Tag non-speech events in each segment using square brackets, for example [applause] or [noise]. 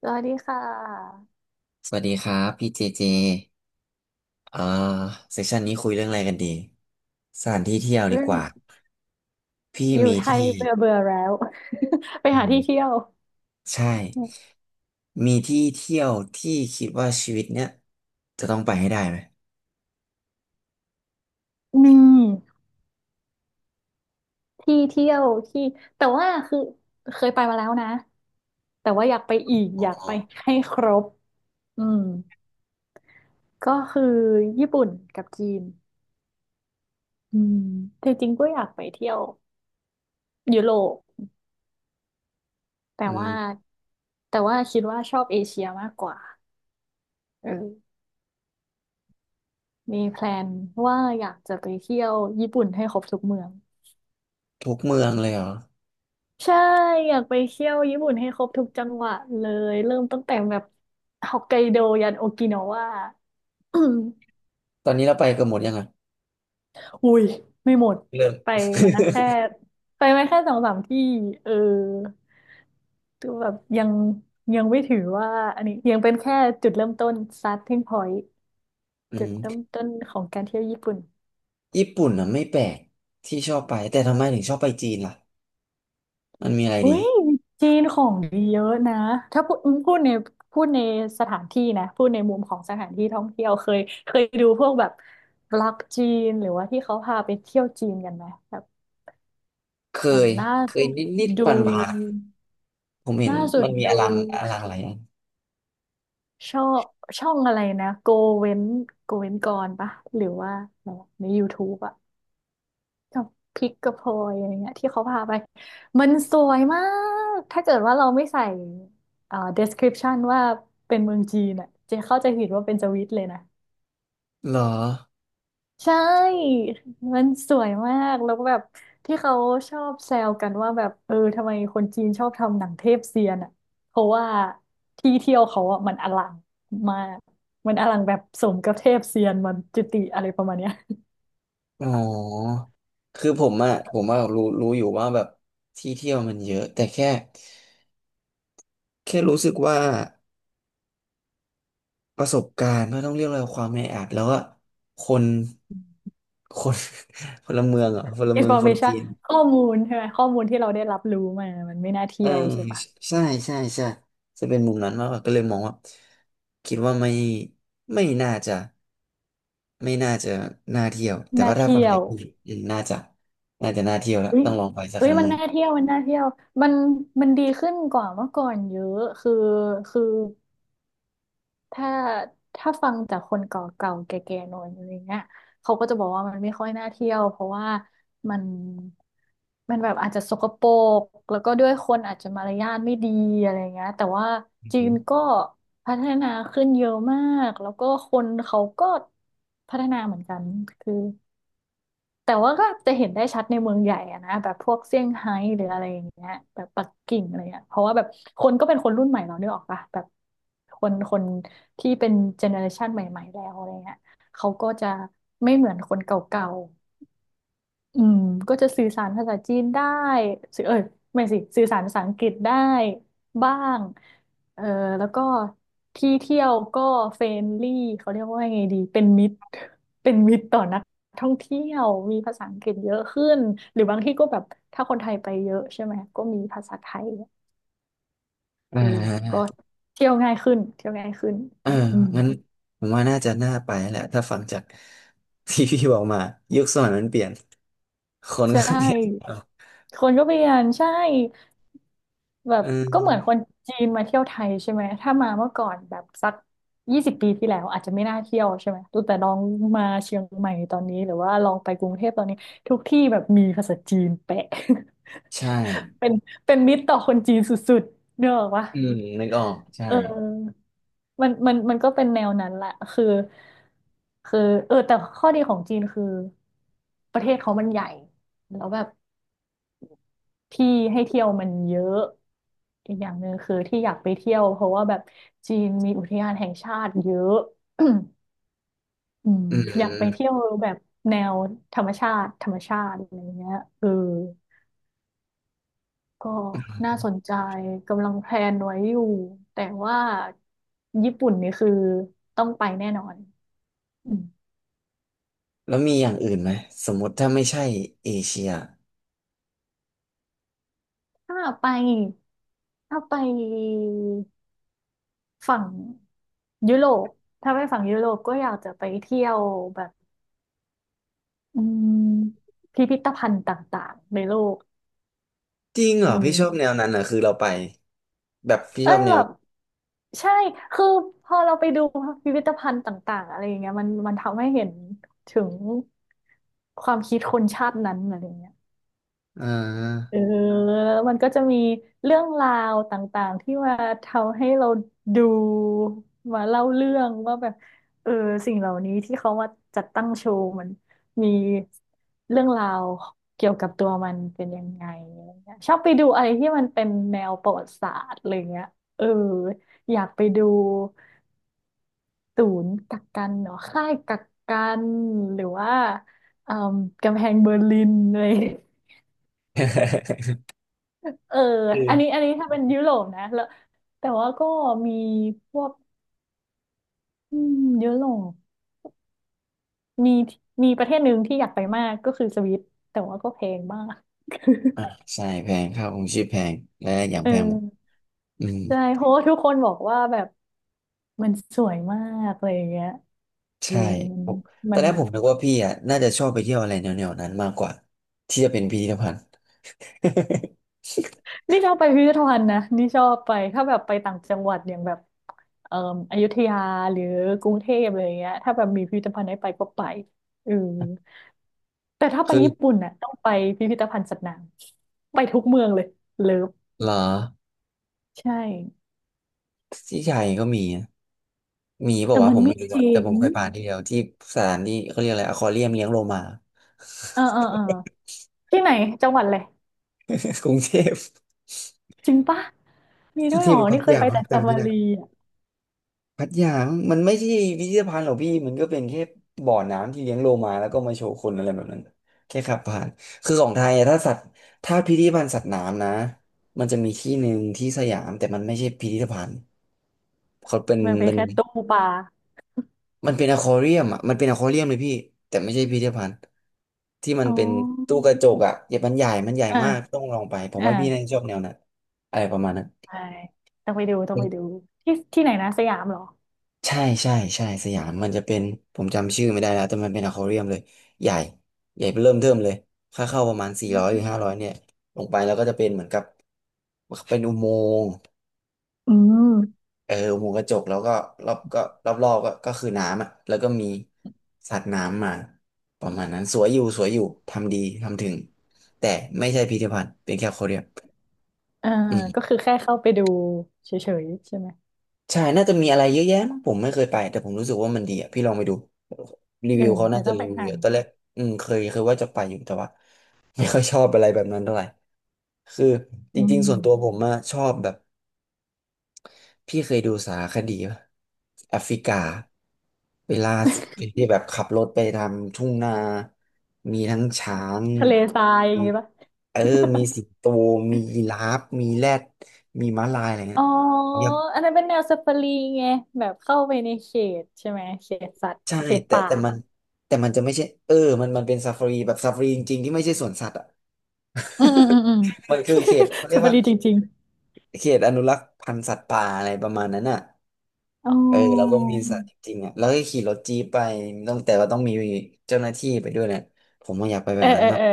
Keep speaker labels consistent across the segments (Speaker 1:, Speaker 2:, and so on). Speaker 1: สวัสดีค่ะ
Speaker 2: สวัสดีครับพี่เจเจอ่าเซสชันนี้คุยเรื่องอะไรกันดีสถานที่เที่ยว
Speaker 1: เรื
Speaker 2: ดี
Speaker 1: มอ
Speaker 2: กว่า
Speaker 1: ง
Speaker 2: พี่
Speaker 1: อยู่
Speaker 2: มี
Speaker 1: ไทย
Speaker 2: ที่
Speaker 1: เบื่อเบื่อแล้ว [laughs] ไป
Speaker 2: อื
Speaker 1: หาที่
Speaker 2: ม
Speaker 1: เที่ยว
Speaker 2: ใช่มีที่เที่ยวที่คิดว่าชีวิตเนี้ยจะต้องไปให้ได้ไหม
Speaker 1: มีที่เที่ยวที่แต่ว่าคือเคยไปมาแล้วนะแต่ว่าอยากไปอีก
Speaker 2: อ๋
Speaker 1: อยากไป
Speaker 2: อ
Speaker 1: ให้ครบอืมก็คือญี่ปุ่นกับจีนอืมแต่จริงก็อยากไปเที่ยวยุโรปแต่
Speaker 2: อื
Speaker 1: ว่า
Speaker 2: ม
Speaker 1: แต่ว่าคิดว่าชอบเอเชียมากกว่าเออมีแพลนว่าอยากจะไปเที่ยวญี่ปุ่นให้ครบทุกเมือง
Speaker 2: ทุกเมืองเลยเหรอ
Speaker 1: ใช่อยากไปเที่ยวญี่ปุ่นให้ครบทุกจังหวะเลยเริ่มตั้งแต่แบบฮอกไกโดยันโอกินาวาอม
Speaker 2: ตอนนี้เราไปกันหมดยังอ่ะ
Speaker 1: อุ้ยไม่หมด
Speaker 2: เริ่ม
Speaker 1: ไปมาแค่ไปมาแค่สองสามที่เออตัวแบบยังไม่ถือว่าอันนี้ยังเป็นแค่จุดเริ่มต้น starting point
Speaker 2: [laughs] อื
Speaker 1: จุด
Speaker 2: ม
Speaker 1: เริ่มต้นของการเที่ยวญี่ปุ่น
Speaker 2: ญี่ปุ่นอ่ะไม่แปลกที่ชอบไปแต่ทำไมถึงชอบไปจีนล่ะมันมีอะไร
Speaker 1: อุ้
Speaker 2: ดี
Speaker 1: ยจีนของดีเยอะนะถ้าพูดพูดในพูดในสถานที่นะพูดในมุมของสถานที่ท่องเที่ยวเคยดูพวกแบบบล็อกจีนหรือว่าที่เขาพาไปเที่ยวจีนกันไหมแบบ
Speaker 2: เค
Speaker 1: อย่าง
Speaker 2: ยเคย
Speaker 1: สุด
Speaker 2: นิดนิด
Speaker 1: ดู
Speaker 2: ปันผ่านๆผมเห็น
Speaker 1: ล่าสุด
Speaker 2: มันมี
Speaker 1: ดู
Speaker 2: อลังอะไรอะ
Speaker 1: ช่องช่องอะไรนะเว้นโกเว้นกรปะหรือว่าอะไรวะใน YouTube อะ กับพริกกระเพยอะไรเงี้ยที่เขาพาไปมันสวยมากถ้าเกิดว่าเราไม่ใส่description ว่าเป็นเมืองจีนอ่ะเจะเข้าใจผิดว่าเป็นสวิตเลยนะ
Speaker 2: เหรอ
Speaker 1: ใช่มันสวยมากแล้วก็แบบที่เขาชอบแซวกันว่าแบบเออทำไมคนจีนชอบทำหนังเทพเซียนอ่ะเพราะว่าที่เที่ยวเขาอ่ะมันอลังมากมันอลังแบบสมกับเทพเซียนมันจุติอะไรประมาณเนี้ย
Speaker 2: อ๋อ คือผมอะรู้อยู่ว่าแบบที่เที่ยวมันเยอะแต่แค่รู้สึกว่าประสบการณ์ไม่ต้องเรียกอะไรความแออัดแล้วก็คน [laughs] คนพลเมืองเหรอ่ะพลเมืองคนจี
Speaker 1: information
Speaker 2: น
Speaker 1: ข้อมูลใช่ไหมข้อมูลที่เราได้รับรู้มามันไม่น่า
Speaker 2: เอ
Speaker 1: เที่
Speaker 2: อ
Speaker 1: ยวใช่ปะ
Speaker 2: ใช่ใช่ใช่จะเป็นมุมนั้นมากกว่าก็เลยมองว่าคิดว่าไม่น่าจะไม่น่าจะน่าเที่ยวแต่
Speaker 1: น่า
Speaker 2: ว่าถ้าฟั
Speaker 1: เที่
Speaker 2: ง
Speaker 1: ย
Speaker 2: จา
Speaker 1: ว
Speaker 2: กคุณอืมน่าจะน่าเที่ยวแล้ว
Speaker 1: เฮ้ย
Speaker 2: ต้องลองไปสัก
Speaker 1: เฮ้
Speaker 2: ค
Speaker 1: ย
Speaker 2: รั้ง
Speaker 1: มั
Speaker 2: ห
Speaker 1: น
Speaker 2: นึ่ง
Speaker 1: น่าเที่ยวมันน่าเที่ยวมันมันดีขึ้นกว่าเมื่อก่อนเยอะคือ ถ้าถ้าฟังจากคนเก่าๆแก่ๆหน่อยอะไรเงี้ยเขาก็จะบอกว่ามันไม่ค่อยน่าเที่ยวเพราะว่ามันมันแบบอาจจะสกปรกแล้วก็ด้วยคนอาจจะมารยาทไม่ดีอะไรเงี้ยแต่ว่าจีนก็พัฒนาขึ้นเยอะมากแล้วก็คนเขาก็พัฒนาเหมือนกันคือ แต่ว่าก็จะเห็นได้ชัดในเมืองใหญ่อะนะแบบพวกเซี่ยงไฮ้หรืออะไรอย่างเงี้ยแบบปักกิ่งอะไรเงี้ยเพราะว่าแบบคนก็เป็นคนรุ่นใหม่เราเนื้อออกปะแบบคนที่เป็นเจเนอเรชันใหม่ๆแล้วอะไรเงี้ยเขาก็จะไม่เหมือนคนเก่าๆ อืมก็จะสื่อสารภาษาจีนได้สื่อเอ้ยไม่สิสื่อสารภาษาอังกฤษได้บ้างเออแล้วก็ที่เที่ยวก็เฟรนลี่เขาเรียกว่าไงดีเป็นมิตรเป็นมิตรต่อนักท่องเที่ยวมีภาษาอังกฤษเยอะขึ้นหรือบางที่ก็แบบถ้าคนไทยไปเยอะใช่ไหมก็มีภาษาไทย
Speaker 2: อ่
Speaker 1: เออก็
Speaker 2: า
Speaker 1: เที่ยวง่ายขึ้นเที่ยวง่ายขึ้น
Speaker 2: เออ
Speaker 1: อืม
Speaker 2: งั้นผมว่าน่าจะน่าไปแหละถ้าฟังจาก [laughs] ที่พี่บอกมายุคสมัยมันเปลี่ยนคน
Speaker 1: ใช
Speaker 2: ก็เปลี่ยน
Speaker 1: ่
Speaker 2: เอา
Speaker 1: คนก็เปลี่ยนใช่ แบ
Speaker 2: เอ
Speaker 1: บก็เหมือนค
Speaker 2: อ
Speaker 1: นจีนมาเที่ยวไทยใช่ไหมถ้ามาเมื่อก่อนแบบสัก20 ปีที่แล้วอาจจะไม่น่าเที่ยวใช่ไหมแต่ลองมาเชียงใหม่ตอนนี้หรือว่าลองไปกรุงเทพตอนนี้ทุกที่แบบมีภาษาจีนแปะ [laughs]
Speaker 2: ใช่
Speaker 1: เป็นเป็นมิตรต่อคนจีนสุดๆเนกอะวะ
Speaker 2: อืมนึกออกใช่
Speaker 1: เออมันก็เป็นแนวนั้นแหละคือเออแต่ข้อดีของจีนคือประเทศเขามันใหญ่แล้วแบบ ที่ให้เที่ยวมันเยอะอีกอย่างหนึ่งคือที่อยากไปเที่ยวเพราะว่าแบบจีนมีอุทยานแห่งชาติเยอะ [clears throat] อืม
Speaker 2: อื
Speaker 1: อยากไปเที่
Speaker 2: ม
Speaker 1: ยวแบบแนวธรรมชาติธรรมชาติอะไรเงี้ยเออก็น่าสนใจกำลังแพลนไว้อยู่แต่ว่าญี่ปุ่นนี่คือต้องไปแน่นอนอืม
Speaker 2: แล้วมีอย่างอื่นไหมสมมติถ้าไม่ใช่เอเชีย
Speaker 1: ถ้าไปถ้าไปฝั่งยุโรปถ้าไปฝั่งยุโรปก็อยากจะไปเที่ยวแบบ อืมพิพิธภัณฑ์ต่างๆในโลก
Speaker 2: จริงเหร
Speaker 1: อื
Speaker 2: อพี่ชอบแน
Speaker 1: ม
Speaker 2: วนั้นเหรอคือเราไปแบบพี่ช
Speaker 1: เอ้
Speaker 2: อบ
Speaker 1: ย
Speaker 2: แน
Speaker 1: แบ
Speaker 2: ว
Speaker 1: บใช่คือพอเราไปดูพิพิธภัณฑ์ต่างๆอะไรอย่างเงี้ยมันทำให้เห็นถึงความคิดคนชาตินั้นอะไรอย่างเงี้ย
Speaker 2: อ่
Speaker 1: เอ
Speaker 2: า
Speaker 1: อแล้วมันก็จะมีเรื่องราวต่างๆที่มาทำให้เราดูมาเล่าเรื่องว่าแบบเออสิ่งเหล่านี้ที่เขามาจัดตั้งโชว์มันมีเรื่องราวเกี่ยวกับตัวมันเป็นยังไงอะไรเงี้ยชอบไปดูอะไรที่มันเป็นแนวประวัติศาสตร์อะไรเงี้ยเอออยากไปดูศูนย์กักกันเนาะค่ายกักกันหรือว่าเอ่อกำแพงเบอร์ลินอะไร เออ
Speaker 2: [laughs] คือ
Speaker 1: อันนี้ถ้าเป็นยุโรปนะแล้วแต่ว่าก็มีพวกอืมยุโรปมีมีประเทศหนึ่งที่อยากไปมากก็คือสวิตแต่ว่าก็แพงมาก
Speaker 2: อ่าใช่แพงค่าครองชีพแพงและอย่าง
Speaker 1: เ
Speaker 2: แพงหมด
Speaker 1: ออ
Speaker 2: อืม
Speaker 1: ใช่เพราะว่าทุกคนบอกว่าแบบมันสวยมากอะไรอย่างเงี้ยเออ
Speaker 2: ใช่ผมต
Speaker 1: มั
Speaker 2: อน
Speaker 1: น
Speaker 2: แรก
Speaker 1: มัน
Speaker 2: ผมนึกว่าพี่อ่ะน่าจะชอบไปเที่ยวอะไรแนวๆนั้นมากกว่าที่จะเป็นพิพิธภัณฑ์
Speaker 1: นนี่ชอบไปพิพิธภัณฑ์นะนี่ชอบไปถ้าแบบไปต่างจังหวัดอย่างแบบเอ่ออยุธยาหรือกรุงเทพอะไรอย่างเงี้ยถ้าแบบมีพิพิธภัณฑ์ให้ไปก็ไปเออ แต่ถ้า
Speaker 2: [laughs]
Speaker 1: ไป
Speaker 2: คือ
Speaker 1: ญี่ปุ่นน่ะต้องไปพิพิธภัณฑ์สัตว์น้ำไปทุกเมืองเลยเลิฟ
Speaker 2: เหรอ
Speaker 1: ใช่
Speaker 2: ที่ไทยก็มีนะมีบอก
Speaker 1: แต่
Speaker 2: ว่า
Speaker 1: มั
Speaker 2: วะผ
Speaker 1: น
Speaker 2: ม
Speaker 1: ไม่
Speaker 2: ไม่รู้
Speaker 1: จ
Speaker 2: อะ
Speaker 1: ริ
Speaker 2: แต่
Speaker 1: ง
Speaker 2: ผมเคยผ่านที่เดียวที่สถานที่เขาเรียกอะไรอควาเรียมเลี้ยงโลมา
Speaker 1: เออเออเออที่ไหนจังหวัดเลย
Speaker 2: [laughs] กรุงเทพ
Speaker 1: จริงปะมี
Speaker 2: ก
Speaker 1: ด้
Speaker 2: รุ
Speaker 1: ว
Speaker 2: ง
Speaker 1: ย
Speaker 2: เท
Speaker 1: เหร
Speaker 2: พ
Speaker 1: อ
Speaker 2: หรือพั
Speaker 1: นี่
Speaker 2: ท
Speaker 1: เคย
Speaker 2: ยา
Speaker 1: ไป
Speaker 2: มั้
Speaker 1: แต่
Speaker 2: ง
Speaker 1: จัม
Speaker 2: จำ
Speaker 1: บุ
Speaker 2: ไม่ได้
Speaker 1: รีอ่ะ
Speaker 2: พัทยามันไม่ใช่พิพิธภัณฑ์หรอกพี่มันก็เป็นแค่บ่อน้ำที่เลี้ยงโลมาแล้วก็มาโชว์คนอะไรแบบนั้นแค่ขับผ่านคือของไทยอะถ้าสัตว์ถ้าพิพิธภัณฑ์สัตว์น้ำนะมันจะมีที่หนึ่งที่สยามแต่มันไม่ใช่พิพิธภัณฑ์เขาเป็น
Speaker 1: มันไป
Speaker 2: เป็น
Speaker 1: แค่ตู้ปลา
Speaker 2: มันเป็นอควาเรียมอ่ะมันเป็นอควาเรียมเลยพี่แต่ไม่ใช่พิพิธภัณฑ์ที่มัน
Speaker 1: อ๋อ
Speaker 2: เป็นตู้กระจกอ่ะเดี๋ยวมันใหญ่มาก
Speaker 1: อ่า
Speaker 2: ต้องลองไปผมว่าพี่น่าจะ
Speaker 1: อ่า
Speaker 2: ชอบแนวนั้นอะไรประมาณนั้น
Speaker 1: ใช่ต้องไปดูต้องไปดูที่ที่ไหนนะสยามเหรอ
Speaker 2: ใช่ใช่ใช่สยามมันจะเป็นผมจำชื่อไม่ได้แล้วแต่มันเป็นอควาเรียมเลยใหญ่ใหญ่เริ่มเทิ่มเลยค่าเข้าประมาณสี่
Speaker 1: อื
Speaker 2: ร้อยหรือ
Speaker 1: ม
Speaker 2: ห้าร้อยเนี่ยลงไปแล้วก็จะเป็นเหมือนกับเป็นอุโมงค์
Speaker 1: อืม
Speaker 2: เอออุโมงค์กระจกแล้วก็รอบก็รอบก็คือน้ำอ่ะแล้วก็มีสัตว์น้ำมาประมาณนั้นสวยอยู่สวยอยู่ทำดีทำถึงแต่ไม่ใช่พิพิธภัณฑ์เป็นแค่อควาเรีย
Speaker 1: เออก็
Speaker 2: ม
Speaker 1: คือแค่เข้าไปดูเฉยๆใช่ไหม
Speaker 2: ใช่น่าจะมีอะไรเยอะแยะมั้งผมไม่เคยไปแต่ผมรู้สึกว่ามันดีอ่ะพี่ลองไปดูรี
Speaker 1: เออ
Speaker 2: วิวเขา
Speaker 1: เดี๋
Speaker 2: น่า
Speaker 1: ยว
Speaker 2: จะ
Speaker 1: ต้อง
Speaker 2: รี
Speaker 1: ไป
Speaker 2: วิว
Speaker 1: หา
Speaker 2: เยอะตอนแรกอืมเคยว่าจะไปอยู่แต่ว่า [laughs] ไม่ค่อยชอบอะไรแบบนั้นเท่าไหร่คือจ
Speaker 1: อื
Speaker 2: ริงๆส่วนตัวผ
Speaker 1: ม
Speaker 2: มอะชอบแบบพี่เคยดูสารคดีปะแอฟริกาเวลาที่แบบขับรถไปทำทุ่งนามีทั้งช้าง
Speaker 1: ทะเลทรายอ
Speaker 2: มี
Speaker 1: ย่างงี้ปะ
Speaker 2: เออมีสิงโตมียีราฟมีแรดมีม้าลายอะไร
Speaker 1: อ๋
Speaker 2: เงี้
Speaker 1: อ
Speaker 2: ย
Speaker 1: อันนั้นเป็นแนวสปารีไงแบบเข้าไปในเขตใช่ไหมเขตสัตว์
Speaker 2: ใช่
Speaker 1: เขต
Speaker 2: แต่
Speaker 1: ป่า
Speaker 2: แต่มันแต่มันจะไม่ใช่เออมันเป็นซาฟารีแบบซาฟารีจริงๆที่ไม่ใช่สวนสัตว์อ่ะ
Speaker 1: อืมอืมอืมอืม
Speaker 2: [laughs] มันคือเขตเขา
Speaker 1: [laughs] ส
Speaker 2: เรียก
Speaker 1: ปา
Speaker 2: ว่า
Speaker 1: รีจริง
Speaker 2: เขตอนุรักษ์พันธุ์สัตว์ป่าอะไรประมาณนั้นอ่ะ
Speaker 1: ๆอ๋
Speaker 2: เออเราก็
Speaker 1: อ
Speaker 2: มีสัตว์จริงๆอ่ะแล้วก็ขี่รถจี๊ปไปต้องแต่ว่าต้องมีเจ้าหน้าที่ไปด้วยเนี่ยผมว่าอยากไปแบ
Speaker 1: เออ
Speaker 2: บนั้น
Speaker 1: เออ
Speaker 2: มาก
Speaker 1: เออ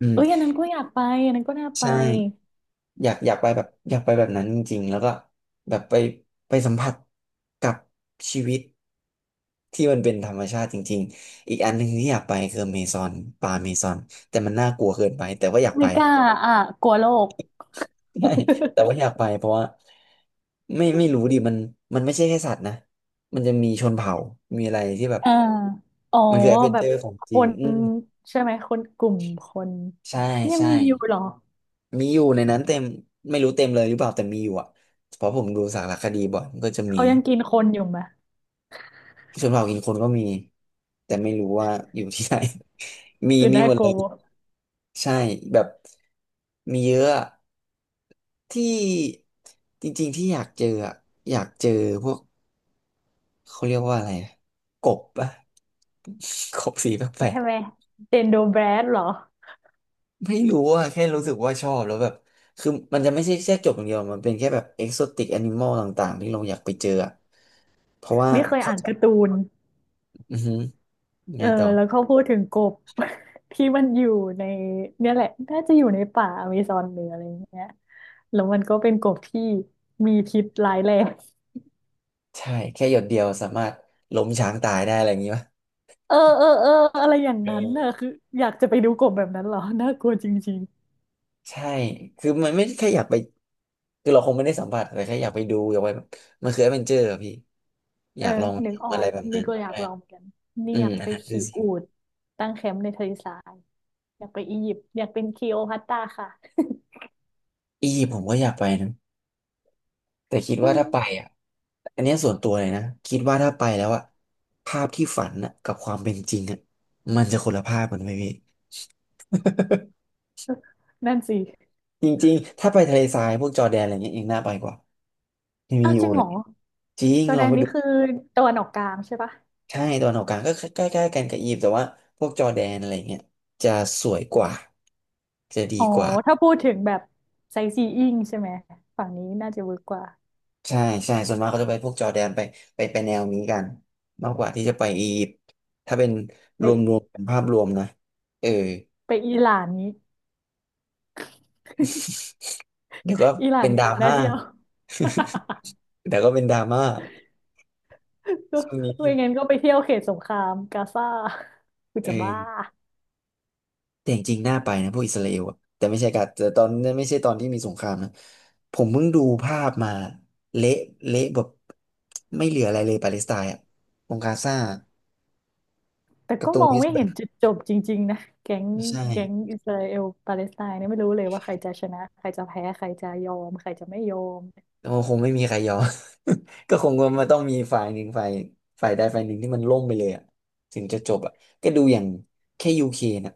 Speaker 2: อืม
Speaker 1: เอ้ยอันนั้นก็อยากไปอันนั้นก็น่าไป
Speaker 2: ใช่อยากอยากไปแบบอยากไปแบบนั้นจริงๆแล้วก็แบบไปสัมผัสกับชีวิตที่มันเป็นธรรมชาติจริงๆอีกอันหนึ่งที่อยากไปคือเมซอนป่าเมซอนแต่มันน่ากลัวเกินไปแต่ว่าอยากไป
Speaker 1: ไม่กล้าอ่ะกลัวโลก
Speaker 2: [laughs] ใช่
Speaker 1: [laughs]
Speaker 2: แต่ว่าอยากไปเพราะว่าไม่รู้ดิมันมันไม่ใช่แค่สัตว์นะมันจะมีชนเผ่ามีอะไรที่แบบ
Speaker 1: อ่า [laughs] อ๋อ
Speaker 2: มันคือแอดเวน
Speaker 1: แบ
Speaker 2: เจอ
Speaker 1: บ
Speaker 2: ร์ของ
Speaker 1: ค
Speaker 2: จริง
Speaker 1: น
Speaker 2: อืม
Speaker 1: ใช่ไหมคนกลุ่มคน
Speaker 2: ใช่
Speaker 1: ยัง
Speaker 2: ใช่
Speaker 1: มีอยู่เหรอ
Speaker 2: มีอยู่ในนั้นเต็มไม่รู้เต็มเลยหรือเปล่าแต่มีอยู่อ่ะเพราะผมดูสารคดีบ่อยมันก็จะมี
Speaker 1: เขายังกินคนอยู่ไหม
Speaker 2: ชนเผ่ากินคนก็มีแต่ไม่รู้ว่าอยู่ที่ไหน [laughs] มี
Speaker 1: คือ
Speaker 2: มี
Speaker 1: น่า
Speaker 2: หมด
Speaker 1: ก
Speaker 2: เล
Speaker 1: ลั
Speaker 2: ย
Speaker 1: ว
Speaker 2: ใช่แบบมีเยอะอะที่จริงๆที่อยากเจออะอยากเจอพวกเขาเรียกว่าอะไรอะกบปะ [laughs] กบสีแปลก
Speaker 1: ใช่ไหมเดนโดแบรดเหรอ
Speaker 2: ไม่รู้อะแค่รู้สึกว่าชอบแล้วแบบคือมันจะไม่ใช่แค่จบอย่างเดียวมันเป็นแค่แบบเอ็กโซติกแอนิมอลต่างๆที่เราอยากไปเจออะเพราะว่า
Speaker 1: นี่เคย
Speaker 2: เขา
Speaker 1: อ่าน
Speaker 2: จะ
Speaker 1: การ์ตูน
Speaker 2: อือหือ
Speaker 1: เอ
Speaker 2: ไง
Speaker 1: อ
Speaker 2: ต่อ
Speaker 1: แล้วเขาพูดถึงกบ [laughs] ที่มันอยู่ในเนี่ยแหละน่าจะอยู่ในป่าอเมซอนหรืออะไรอย่างเงี้ยแล้วมันก็เป็นกบที่มีพิษร้ายแรง [laughs]
Speaker 2: ใช่แค่หยดเดียวสามารถล้มช้างตายได้อะไรอย่างงี้ปะ
Speaker 1: เออเออเอออะไรอย่างนั้นน่ะคืออยากจะไปดูกบแบบนั้นเหรอน่ากลัวจริง
Speaker 2: ใช่คือมันไม่ได้แค่อยากไปคือเราคงไม่ได้สัมผัสแต่แค่อยากไปดูอยากไปแบบมันคือแอดเวนเจอร์อะพี่
Speaker 1: ๆ
Speaker 2: อ
Speaker 1: เออ
Speaker 2: ยากลอง
Speaker 1: นึกอ
Speaker 2: ทำ
Speaker 1: อ
Speaker 2: อะไร
Speaker 1: ก
Speaker 2: แบบนั้
Speaker 1: นี่
Speaker 2: น
Speaker 1: ก็อยา
Speaker 2: ใช่
Speaker 1: กลองเหมือนกันนี่
Speaker 2: อื
Speaker 1: อ
Speaker 2: ม
Speaker 1: ยาก
Speaker 2: อัน
Speaker 1: ไป
Speaker 2: นั้นคือ
Speaker 1: ขี่
Speaker 2: สิ่ง
Speaker 1: อูฐตั้งแคมป์ในทะเลทรายอยากไปอียิปต์อยากเป็นคลีโอพัตราค่ะ
Speaker 2: อียิปต์ผมก็อยากไปนะ แต่คิด
Speaker 1: อื
Speaker 2: ว่าถ้าไป
Speaker 1: ม
Speaker 2: อ่ะอันเนี้ยส่วนตัวเลยนะคิดว่าถ้าไปแล้วอ่ะภาพที่ฝันอ่ะกับความเป็นจริงอ่ะมันจะคนละภาพกันไหมพี่ [laughs]
Speaker 1: นั่นสิ
Speaker 2: จริงๆถ้าไปทะเลทรายพวกจอร์แดนอะไรเงี้ยยังน่าไปกว่าไม่มี
Speaker 1: อ้าว
Speaker 2: อ
Speaker 1: จ
Speaker 2: ยู่
Speaker 1: ริง
Speaker 2: เล
Speaker 1: เหร
Speaker 2: ย
Speaker 1: อ
Speaker 2: จริง
Speaker 1: จอร์
Speaker 2: ล
Speaker 1: แด
Speaker 2: อง
Speaker 1: น
Speaker 2: ไป
Speaker 1: นี่
Speaker 2: ดู
Speaker 1: คือตะวันออกกลางใช่ปะ
Speaker 2: ใช่ตะวันออกกลางก็ใกล้ๆกันกับอียิปต์แต่ว่าพวกจอร์แดนอะไรเงี้ยจะสวยกว่าจะดี
Speaker 1: อ๋อ
Speaker 2: กว่า
Speaker 1: ถ้าพูดถึงแบบไซซีอิ้งใช่ไหม ฝั่งนี้น่าจะเวิร์กกว่า
Speaker 2: ใช่ใช่ส่วนมากเขาจะไปพวกจอร์แดนไปไปแนวนี้กันมากกว่าที่จะไปอียิปต์ถ้าเป็นรวม
Speaker 1: ไป
Speaker 2: ๆเป็นภาพรวมนะเออ
Speaker 1: ไปอิหร่านนี้ [laughs]
Speaker 2: เดี๋ยวก็
Speaker 1: อิหร่าน
Speaker 2: เป็น
Speaker 1: มี
Speaker 2: ดรา
Speaker 1: อะไรน่า
Speaker 2: ม่า
Speaker 1: เที่ยว
Speaker 2: [laughs] เดี๋ยวก็เป็นดราม่า
Speaker 1: [laughs] ก็
Speaker 2: ช่วงนี้
Speaker 1: ไม่งั้นก็ไปเที่ยวเขตสงครามกาซา [laughs] กู
Speaker 2: เอ
Speaker 1: จะบ้า
Speaker 2: อแต่จริงๆน่าไปนะพวกอิสราเอลอะแต่ไม่ใช่กาแต่ตอนนั้นไม่ใช่ตอนที่มีสงครามนะผมเพิ่งดูภาพมาเละเละแบบไม่เหลืออะไรเลยปาเลสไตน์อะตรงกาซา
Speaker 1: แต่
Speaker 2: กับ
Speaker 1: ก็
Speaker 2: ตร
Speaker 1: ม
Speaker 2: ง
Speaker 1: อ
Speaker 2: เว
Speaker 1: ง
Speaker 2: ส
Speaker 1: ไม่
Speaker 2: ต์แบ
Speaker 1: เห็
Speaker 2: ง
Speaker 1: น
Speaker 2: ก์
Speaker 1: จุดจบจริงๆนะแก๊ง
Speaker 2: ใช่
Speaker 1: แก๊งอิสราเอลปาเลสไตน์เนี่ยไม่รู้เลยว่าใครจะชนะใครจะแพ้ใครจะยอมใครจะไม่ยอม
Speaker 2: โอ้คงไม่มีใครยอม [laughs] ก็คงว่ามันต้องมีฝ่ายหนึ่งฝ่ายฝ่ายใดฝ่ายหนึ่งที่มันล่มไปเลยอะถึงจะจบอะก็ดูอย่างแค่ยูเครนอะ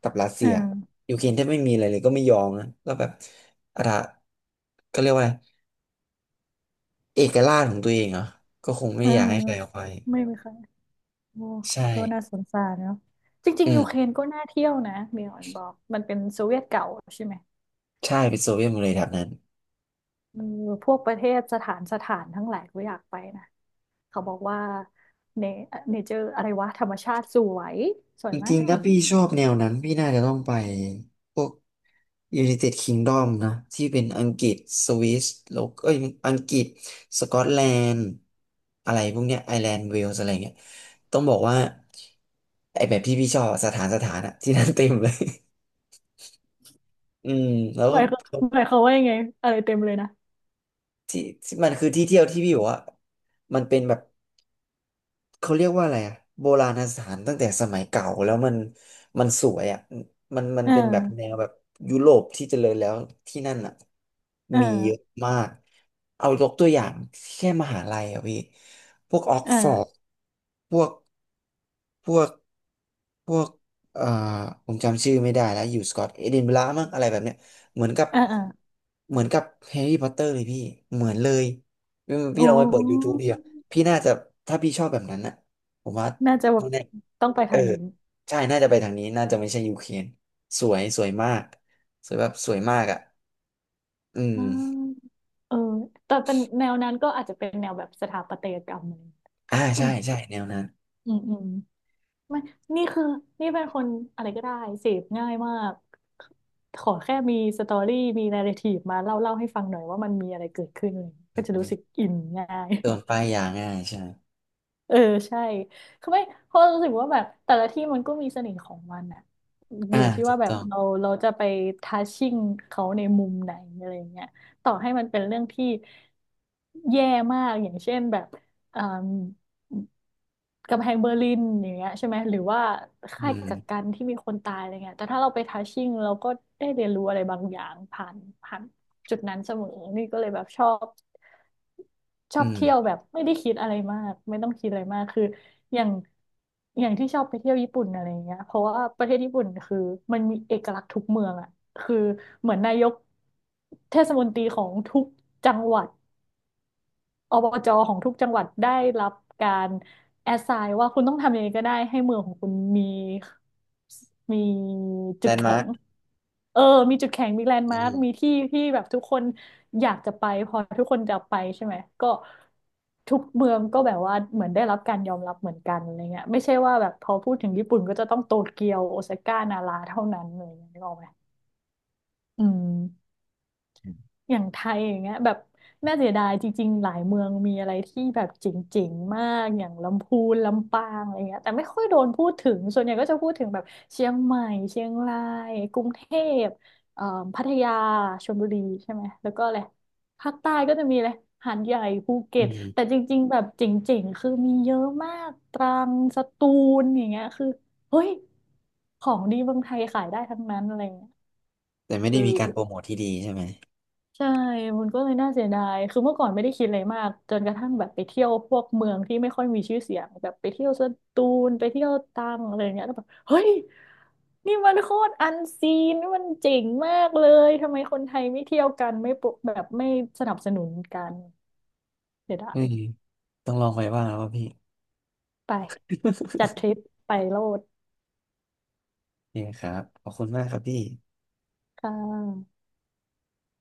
Speaker 2: กับรัสเซี
Speaker 1: เอ
Speaker 2: ย
Speaker 1: อ
Speaker 2: ยูเครนแทบไม่มีอะไรเลยก็ไม่ยอมนะก็แบบอะไรก็เรียกว่าอะไรเอกราชของตัวเองเหรอก็คงไม่
Speaker 1: เอ
Speaker 2: อยากให้ใครเอาไป
Speaker 1: อไม่ไหมคะ โอ้
Speaker 2: ใช่
Speaker 1: ก็น่าสงสารเนาะจริ
Speaker 2: อื
Speaker 1: งๆยูเคร
Speaker 2: ม
Speaker 1: นก็น่าเที่ยวนะมีออนบอกมันเป็นโซเวียตเก่าใช่ไหม
Speaker 2: ใช่เป็นโซเวียตหมดเลยแถบนั้น
Speaker 1: เออพวกประเทศสถานสถานทั้งหลายก็อยากไปนะเขาบอกว่าเนเจอร์อะไรวะธรรมชาติสวยสว
Speaker 2: จ
Speaker 1: ยมา
Speaker 2: ริงๆถ้า
Speaker 1: ก
Speaker 2: พี่ชอบแนวนั้นพี่น่าจะต้องไปพวก United Kingdom นะที่เป็นอังกฤษสวิสแล้วก็เอ้ยอังกฤษสกอตแลนด์อะไรพวกเนี้ยไอร์แลนด์เวลส์อะไรเงี้ยต้องบอกว่าไอแบบที่พี่ชอบอะสถานสถานอะที่นั่นเต็มเลย [laughs] อืมแล้ว
Speaker 1: หมายเขา
Speaker 2: ก็
Speaker 1: หมายเขามว่ายังไงอะไรเต็มเลยนะ
Speaker 2: ที่ที่มันคือที่เที่ยวที่พี่บอกว่ามันเป็นแบบ เขาเรียกว่าอะไรอะโบราณสถานตั้งแต่สมัยเก่าแล้วมันมันสวยอะมัน
Speaker 1: เอ
Speaker 2: เป็นแบบแน
Speaker 1: อ
Speaker 2: วแบบยุโรปที่เจริญแล้วที่นั่นอะ
Speaker 1: เอ
Speaker 2: มีเยอะ
Speaker 1: อ
Speaker 2: มากเอายกตัวอย่างแค่มหาลัยอะพี่พวกออก
Speaker 1: เอ
Speaker 2: ฟอร์ด
Speaker 1: อ
Speaker 2: พวกพวกพวกเอ่อผมจำชื่อไม่ได้แล้วอยู่สกอตเอดินบะระมั้งอะไรแบบเนี้ยเหมือนกับ
Speaker 1: เออเออ
Speaker 2: เหมือนกับแฮร์รี่พอตเตอร์เลยพี่เหมือนเลยพี่
Speaker 1: โอ้
Speaker 2: ลองไปเปิด YouTube ดิ พี่น่าจะถ้าพี่ชอบแบบนั้นนะผมว่า
Speaker 1: น่าจะแบ
Speaker 2: ไม่
Speaker 1: บ
Speaker 2: แน่
Speaker 1: ต้องไป
Speaker 2: เอ
Speaker 1: ทา
Speaker 2: อ
Speaker 1: งนี้
Speaker 2: ใช่น่าจะไปทางนี้น่าจะไม่ใช่ยูเครนสวยสวยมากสวยแบบสวยมากอ่ะอืม
Speaker 1: อ่าเออแต่เป็นแนวนั้นก็อาจจะเป็นแนวแบบสถาปัตยกรรมอะไรอย่างเงี้ย
Speaker 2: อ่า
Speaker 1: อื
Speaker 2: ใช่
Speaker 1: ม
Speaker 2: ใช่แนวนั้น
Speaker 1: อืมอืม ไม่นี่คือ นี่เป็นคนอะไรก็ได้ เสพง่ายมาก ขอแค่มีสตอรี่มีนาร์ทีฟมาเล่าให้ฟังหน่อยว่ามันมีอะไรเกิดขึ้นอะไรอย่างเงี้ยก็จะรู้สึกอินง่าย
Speaker 2: โดนป้ายยาง่ายใช่
Speaker 1: [laughs] เออใช่คือไม่เพราะรู้สึกว่าแบบแต่ละที่มันก็มีเสน่ห์ของมันอะอ
Speaker 2: อ่า
Speaker 1: ยู่ที่
Speaker 2: ถู
Speaker 1: ว่า
Speaker 2: ก
Speaker 1: แบ
Speaker 2: ต้
Speaker 1: บ
Speaker 2: อง
Speaker 1: เราจะไปทัชชิ่งเขาในมุมไหนอะไรอย่างเงี้ยต่อให้มันเป็นเรื่องที่แย่มากอย่างเช่นแบบอ่า กำแพงเบอร์ลินอย่างเงี้ยใช่ไหมหรือว่าค่า
Speaker 2: อื
Speaker 1: ย
Speaker 2: ม
Speaker 1: กักกันที่มีคนตายอะไรเงี้ยแต่ถ้าเราไปทัชชิ่งเราก็ได้เรียนรู้อะไรบางอย่างผ่านจุดนั้นเสมอนี่ก็เลยแบบช
Speaker 2: อื
Speaker 1: อบเที่ยว
Speaker 2: ม
Speaker 1: แบบไม่ได้คิดอะไรมากไม่ต้องคิดอะไรมากคืออย่างอย่างที่ชอบไปเที่ยวญี่ปุ่นอะไรเงี้ยเพราะว่าประเทศญี่ปุ่นคือมันมีเอกลักษณ์ทุกเมืองอ่ะคือเหมือนนายกเทศมนตรีของทุกจังหวัด อบจของทุกจังหวัดได้รับการแอสไซน์ว่าคุณต้องทำยังไงก็ได้ให้เมืองของคุณมี
Speaker 2: แล
Speaker 1: จุด
Speaker 2: นด์
Speaker 1: แข็
Speaker 2: มาร์
Speaker 1: ง
Speaker 2: ค
Speaker 1: เออมีจุดแข็งมีแลนด์
Speaker 2: อื
Speaker 1: มาร์คมี
Speaker 2: ม
Speaker 1: ที่ที่แบบทุกคนอยากจะไปพอทุกคนจะไปใช่ไหมก็ทุกเมืองก็แบบว่าเหมือนได้รับการยอมรับเหมือนกันอะไรเงี้ยไม่ใช่ว่าแบบพอพูดถึงญี่ปุ่นก็จะต้องโตเกียวโอซาก้านาราเท่านั้นอะไรเลยนึกออกไหมอืม อย่างไทยอย่างเงี้ยแบบน่าเสียดายจริงๆหลายเมืองมีอะไรที่แบบเจ๋งๆมากอย่างลำพูนลำปางอะไรเงี้ยแต่ไม่ค่อยโดนพูดถึงส่วนใหญ่ก็จะพูดถึงแบบเชียงใหม่เชียงรายกรุงเทพเอ่อพัทยาชลบุรีใช่ไหมแล้วก็อะไรภาคใต้ก็จะมีอะไรหาดใหญ่ภูเก็
Speaker 2: อื
Speaker 1: ต
Speaker 2: ม
Speaker 1: แต่จริงๆแบบเจ๋งๆคือมีเยอะมากตรังสตูลอย่างเงี้ยคือเฮ้ยของดีเมืองไทยขายได้ทั้งนั้นอะไรเงี้ย
Speaker 2: แต่ไม่
Speaker 1: เออ
Speaker 2: ได้มีการโปรโมทที่ดีใช่ไหม
Speaker 1: ใช่ มันก็เลยน่าเสียดาย คือเมื่อก่อนไม่ได้คิดอะไรมาก จนกระทั่งแบบไปเที่ยวพวกเมืองที่ไม่ค่อยมีชื่อเสียงแบบไปเที่ยวสตูลไปเที่ยวตรังอะไรอย่างเงี้ยแล้วแบบเฮ้ยนี่มันโคตรอันซีนมันเจ๋งมากเลย ทำไมคนไทยไม่เที่ยวกันไม่ปลุกแบบไม่สนับสนุนกันเสียดา
Speaker 2: อื
Speaker 1: ย
Speaker 2: มต้องลองไปบ้างแล้วว่าพี่
Speaker 1: ไปจัดทริปไปโลด
Speaker 2: นี่คครับขอบคุณมากครับพี่
Speaker 1: ค่ะ